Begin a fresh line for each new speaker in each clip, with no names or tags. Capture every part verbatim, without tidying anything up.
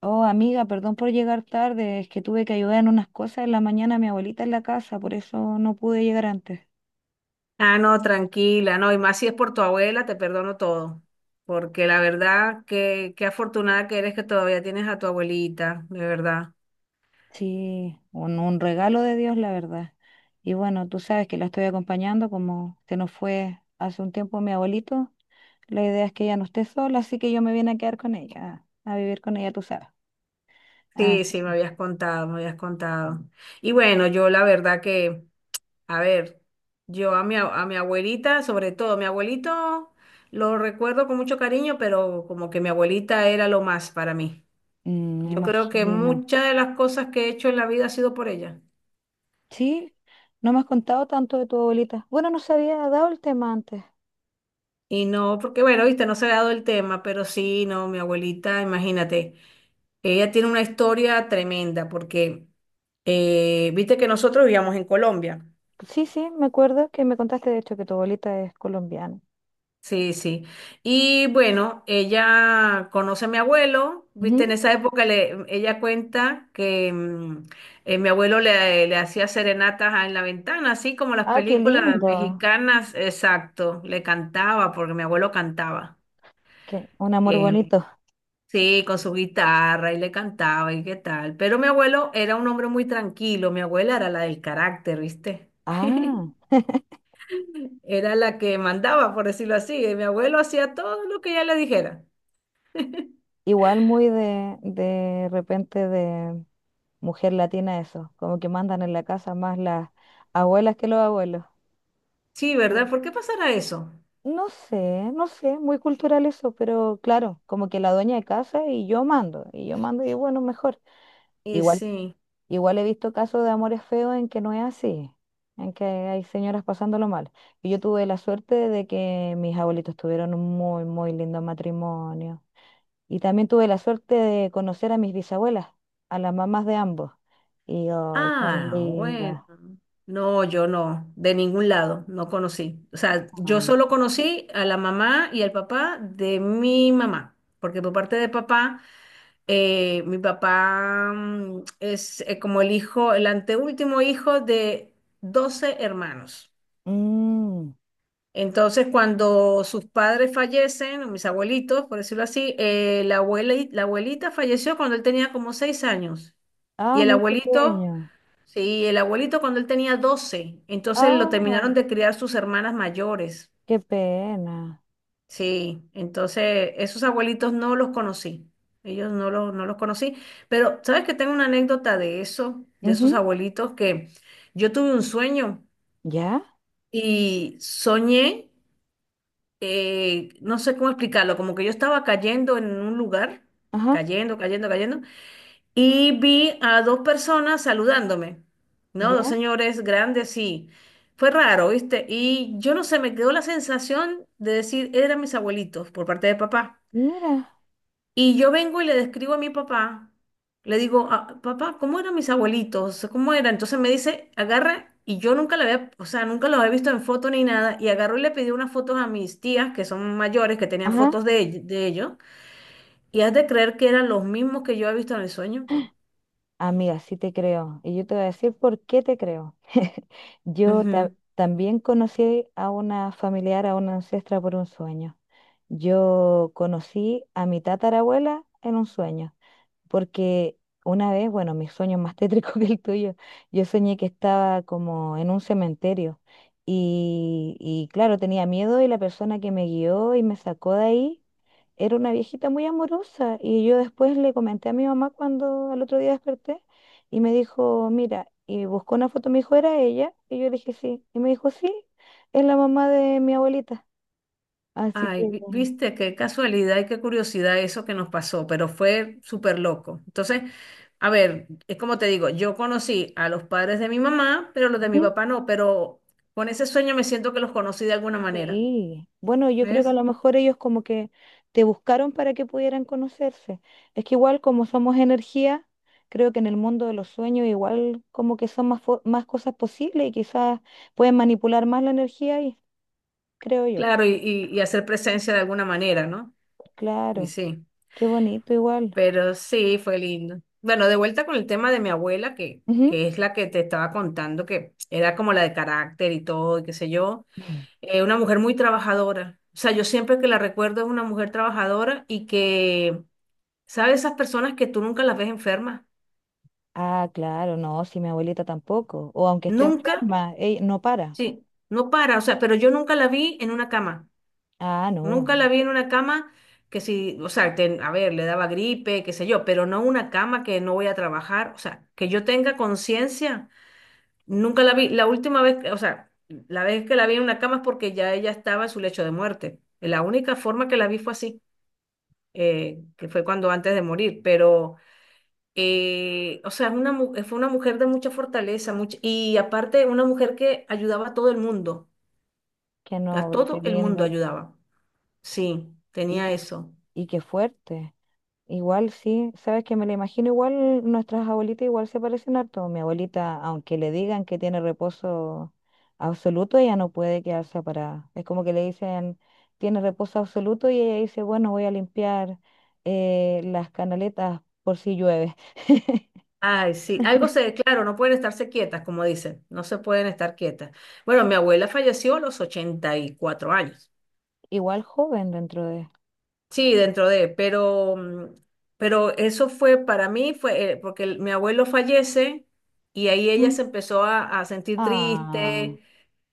Oh, amiga, perdón por llegar tarde, es que tuve que ayudar en unas cosas en la mañana a mi abuelita en la casa, por eso no pude llegar antes.
Ah, no, tranquila, no, y más si es por tu abuela, te perdono todo, porque la verdad, que qué afortunada que eres que todavía tienes a tu abuelita, de verdad.
Sí, un, un regalo de Dios, la verdad. Y bueno, tú sabes que la estoy acompañando, como se nos fue hace un tiempo mi abuelito, la idea es que ella no esté sola, así que yo me vine a quedar con ella, a vivir con ella, tú sabes. Ah,
Sí, sí, me
sí.
habías contado, me habías contado. Y bueno, yo la verdad que, a ver, yo a mi, a mi abuelita, sobre todo, mi abuelito lo recuerdo con mucho cariño, pero como que mi abuelita era lo más para mí.
Mm, me
Yo creo que
imagino.
muchas de las cosas que he hecho en la vida ha sido por ella.
Sí, no me has contado tanto de tu abuelita. Bueno, no se había dado el tema antes.
Y no, porque bueno, viste, no se ha dado el tema, pero sí, no, mi abuelita, imagínate, ella tiene una historia tremenda, porque eh, viste que nosotros vivíamos en Colombia.
Sí, sí, me acuerdo que me contaste de hecho que tu abuelita es colombiana.
Sí, sí. Y bueno, ella conoce a mi abuelo, viste, en
Ujú.
esa época le, ella cuenta que mm, eh, mi abuelo le, le hacía serenatas en la ventana, así como las
Ah, qué
películas
lindo.
mexicanas, exacto, le cantaba, porque mi abuelo cantaba.
Qué, un amor
eh,
bonito.
Sí, con su guitarra y le cantaba y qué tal. Pero mi abuelo era un hombre muy tranquilo, mi abuela era la del carácter, ¿viste?
Ah,
Era la que mandaba, por decirlo así, y mi abuelo hacía todo lo que ella le dijera.
igual muy de, de repente de mujer latina eso, como que mandan en la casa más las abuelas que los abuelos.
Sí,
Sí.
¿verdad? ¿Por qué pasará eso?
No sé, no sé, muy cultural eso, pero claro, como que la dueña de casa y yo mando, y yo mando y bueno, mejor.
Y
Igual
sí,
Igual he visto casos de amores feos en que no es así, en que hay señoras pasándolo mal. Y yo tuve la suerte de que mis abuelitos tuvieron un muy, muy lindo matrimonio. Y también tuve la suerte de conocer a mis bisabuelas, a las mamás de ambos. Y ay, tan
ah, bueno.
lindas.
No, yo no, de ningún lado, no conocí. O sea, yo
Son.
solo conocí a la mamá y al papá de mi mamá, porque por parte de papá... eh, Mi papá mm, es eh, como el hijo, el anteúltimo hijo de doce hermanos.
Mm.
Entonces, cuando sus padres fallecen, o mis abuelitos, por decirlo así, eh, la abuela, la abuelita falleció cuando él tenía como seis años.
Ah,
Y el
muy
abuelito,
pequeño.
sí, el abuelito cuando él tenía doce. Entonces lo
Ah,
terminaron de criar sus hermanas mayores.
qué pena.
Sí, entonces esos abuelitos no los conocí, ellos no los, no los conocí, pero sabes que tengo una anécdota de eso, de esos
Ujú.
abuelitos, que yo tuve un sueño
¿Ya?
y soñé, eh, no sé cómo explicarlo, como que yo estaba cayendo en un lugar,
Ajá.
cayendo, cayendo, cayendo, y vi a dos personas saludándome, ¿no? Dos
¿Ya?
señores grandes y fue raro, ¿viste? Y yo no sé, me quedó la sensación de decir, eran mis abuelitos por parte de papá.
Mira.
Y yo vengo y le describo a mi papá, le digo: "Ah, papá, ¿cómo eran mis abuelitos? ¿Cómo eran?". Entonces me dice, agarra, y yo nunca la había, o sea, nunca los había visto en foto ni nada, y agarró y le pidió unas fotos a mis tías, que son mayores, que tenían
Ajá.
fotos de, ell- de ellos, y has de creer que eran los mismos que yo había visto en el sueño.
Amiga, sí te creo. Y yo te voy a decir por qué te creo. Yo ta-
Ujú.
también conocí a una familiar, a una ancestra por un sueño. Yo conocí a mi tatarabuela en un sueño porque una vez, bueno, mi sueño es más tétrico que el tuyo, yo soñé que estaba como en un cementerio y, y claro, tenía miedo y la persona que me guió y me sacó de ahí era una viejita muy amorosa y yo después le comenté a mi mamá cuando al otro día desperté y me dijo, mira, y buscó una foto, me dijo, ¿era ella? Y yo le dije, sí, y me dijo, sí, es la mamá de mi abuelita, así
Ay,
que...
vi- viste, qué casualidad y qué curiosidad eso que nos pasó, pero fue súper loco. Entonces, a ver, es como te digo, yo conocí a los padres de mi mamá, pero los de mi
¿Sí?
papá no, pero con ese sueño me siento que los conocí de alguna manera,
Sí, bueno, yo creo que a
¿ves?
lo mejor ellos como que te buscaron para que pudieran conocerse. Es que igual como somos energía, creo que en el mundo de los sueños igual como que son más, fo- más cosas posibles y quizás pueden manipular más la energía y creo yo.
Claro, y, y, y hacer presencia de alguna manera, ¿no? Y
Claro,
sí,
qué bonito igual.
pero sí, fue lindo. Bueno, de vuelta con el tema de mi abuela, que,
Ujú.
que es la que te estaba contando, que era como la de carácter y todo, y qué sé yo. Eh, una mujer muy trabajadora. O sea, yo siempre que la recuerdo es una mujer trabajadora y que, ¿sabes? Esas personas que tú nunca las ves enfermas.
Ah, claro, no, si mi abuelita tampoco. O aunque esté
Nunca,
enferma, ella no para.
sí, no para. O sea, pero yo nunca la vi en una cama.
Ah, no,
Nunca la vi en una cama que si, o sea, ten- a ver, le daba gripe, qué sé yo, pero no una cama que no voy a trabajar. O sea, que yo tenga conciencia. Nunca la vi. La última vez, que- o sea, la vez que la vi en una cama es porque ya ella estaba en su lecho de muerte. La única forma que la vi fue así. Eh, que fue cuando antes de morir, pero, eh, o sea, es una, mu- fue una mujer de mucha fortaleza, mucha, y aparte una mujer que ayudaba a todo el mundo,
qué
a
noble, qué
todo el mundo
linda.
ayudaba. Sí,
Y,
tenía
qué-
eso.
y qué fuerte. Igual sí, sabes que me la imagino igual, nuestras abuelitas igual se parecen harto. Mi abuelita, aunque le digan que tiene reposo absoluto, ella no puede quedarse parada. Es como que le dicen, tiene reposo absoluto y ella dice, bueno, voy a limpiar eh, las canaletas por si llueve.
Ay, sí, algo se, claro, no pueden estarse quietas, como dicen, no se pueden estar quietas. Bueno, mi abuela falleció a los ochenta y cuatro años.
Igual joven dentro de...
Sí, dentro de, pero, mm, pero eso fue para mí, fue eh, porque el- mi abuelo fallece y ahí ella
Mm.
se empezó a, a sentir
Ah.
triste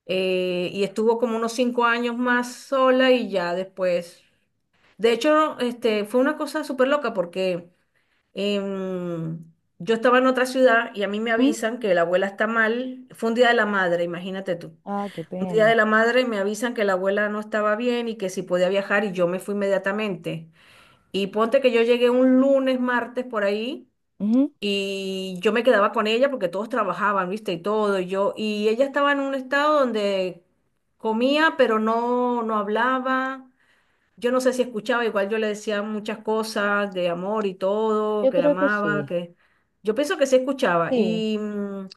eh, y estuvo como unos cinco años más sola y ya después. De hecho, este, fue una cosa súper loca porque em, yo estaba en otra ciudad y a mí me
¿Mm?
avisan que la abuela está mal. Fue un día de la madre, imagínate tú.
Ah, qué
Un día de
pena.
la madre me avisan que la abuela no estaba bien y que si podía viajar y yo me fui inmediatamente. Y ponte que yo llegué un lunes, martes por ahí
Ujú.
y yo me quedaba con ella porque todos trabajaban, ¿viste? Y todo, y yo y ella estaba en un estado donde comía, pero no no hablaba. Yo no sé si escuchaba, igual yo le decía muchas cosas de amor y todo,
Yo
que la
creo que
amaba,
sí,
que yo pienso que sí escuchaba
sí.
y mm,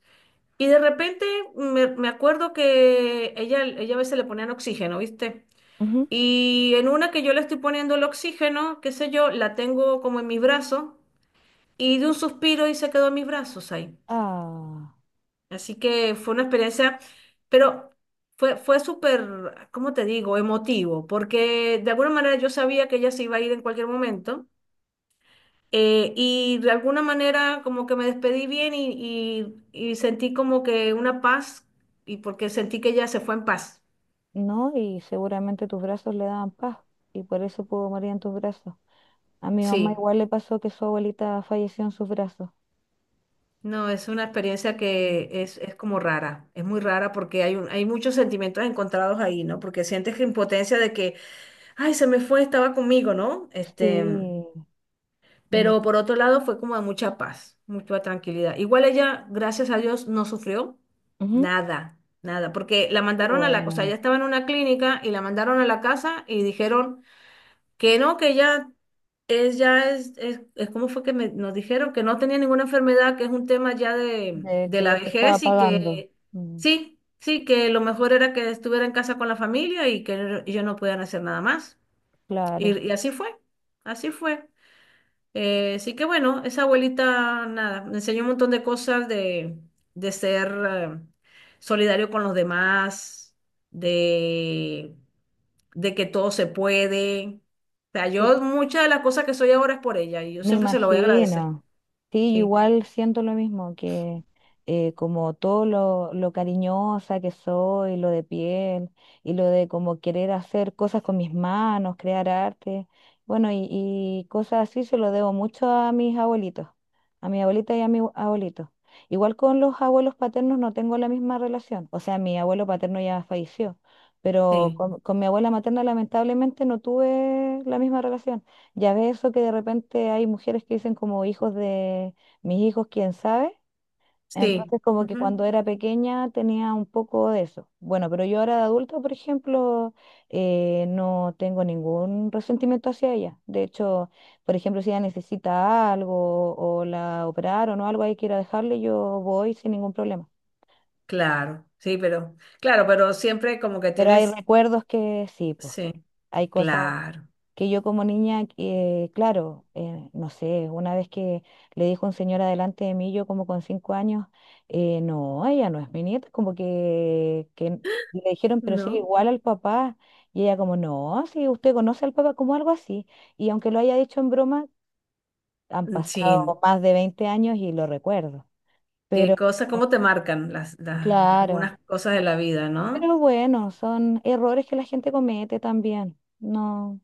y de repente me, me acuerdo que ella ella a veces le ponían oxígeno, ¿viste?
Ujú.
Y en una que yo le estoy poniendo el oxígeno, qué sé yo, la tengo como en mis brazos y de un suspiro y se quedó en mis brazos ahí.
Ah.
Así que fue una experiencia, pero fue, fue súper, ¿cómo te digo?, emotivo, porque de alguna manera yo sabía que ella se iba a ir en cualquier momento eh, y de alguna manera como que me despedí bien y, y y sentí como que una paz y porque sentí que ella se fue en paz.
¿No? Y seguramente tus brazos le daban paz y por eso pudo morir en tus brazos. A mi mamá
Sí.
igual le pasó que su abuelita falleció en sus brazos.
No, es una experiencia
Mm.
que es, es como rara, es muy rara porque hay, un- hay muchos sentimientos encontrados ahí, ¿no? Porque sientes que impotencia de que, ay, se me fue, estaba conmigo, ¿no? Este,
Sí, no.
pero por otro lado fue como de mucha paz, mucha tranquilidad. Igual ella, gracias a Dios, no sufrió
Ujú.
nada, nada, porque la mandaron a la, o sea, ella
Bueno,
estaba en una clínica y la mandaron a la casa y dijeron que no, que ella es ya es, es, es como fue que me- nos dijeron que no tenía ninguna enfermedad, que es un tema ya de,
de
de
que
la
ya se estaba
vejez y
pagando.
que
Mm,
sí, sí, que lo mejor era que estuviera en casa con la familia y que no- ellos no podían hacer nada más. Y,
claro.
y así fue, así fue. Eh, así que bueno, esa abuelita, nada, me enseñó un montón de cosas de, de ser eh, solidario con los demás, de, de que todo se puede. O sea, yo muchas de las cosas que soy ahora es por ella y yo
Me
siempre se lo voy a agradecer.
imagino. Sí, yo
Sí,
igual siento lo mismo, que eh, como todo lo, lo cariñosa que soy, lo de piel, y lo de como querer hacer cosas con mis manos, crear arte, bueno, y, y cosas así se lo debo mucho a mis abuelitos, a mi abuelita y a mi abue- abuelito. Igual con los abuelos paternos no tengo la misma relación, o sea, mi abuelo paterno ya falleció, pero
sí,
con, con mi abuela materna lamentablemente no tuve la misma relación. Ya ves eso que de repente hay mujeres que dicen como hijos de mis hijos, quién sabe.
sí.
Entonces como que cuando
ujú,
era pequeña tenía un poco de eso. Bueno, pero yo ahora de adulta, por ejemplo, eh, no tengo ningún resentimiento hacia ella. De hecho, por ejemplo, si ella necesita algo o la operaron o algo ahí quiera dejarle, yo voy sin ningún problema.
Claro, sí, pero, claro, pero siempre como que
Pero hay
tienes,
recuerdos que sí, pues
sí,
hay cosas.
claro,
Que yo como niña, eh, claro, eh, no sé, una vez que le dijo un señor adelante de mí, yo como con cinco años, eh, no, ella no es mi nieta, como que, que le dijeron, pero sí,
¿no?
igual al papá, y ella como, no, sí, usted conoce al papá como algo así, y aunque lo haya dicho en broma, han
Mm,
pasado
sí,
más de veinte años y lo recuerdo,
qué
pero
cosas, cómo te marcan las, las-
claro,
algunas cosas de la vida, ¿no?
pero bueno, son errores que la gente comete también, no.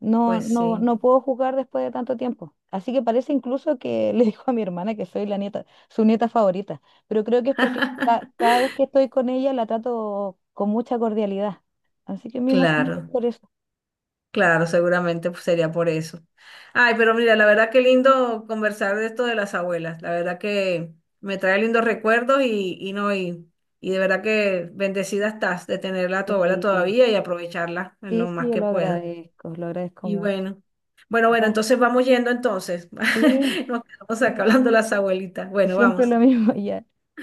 No,
Pues
no,
sí.
no puedo jugar después de tanto tiempo. Así que parece incluso que le dijo a mi hermana que soy la nieta, su nieta favorita. Pero creo que es porque ca- cada vez que estoy con ella la trato con mucha cordialidad. Así que me imagino que es
Claro,
por eso.
claro, seguramente pues, sería por eso. Ay, pero mira, la verdad que lindo conversar de esto de las abuelas. La verdad que me trae lindos recuerdos y, y no, y, y de verdad que bendecida estás de tenerla a tu abuela
Sí,
todavía y aprovecharla en
sí,
lo
sí,
más
yo
que
lo
pueda.
agradezco, lo agradezco
Y
mucho.
bueno, bueno, bueno,
Ya,
entonces vamos yendo entonces.
sí,
Nos quedamos
que
acá
no-
hablando de las abuelitas. Bueno,
siempre
vamos.
lo mismo, ya.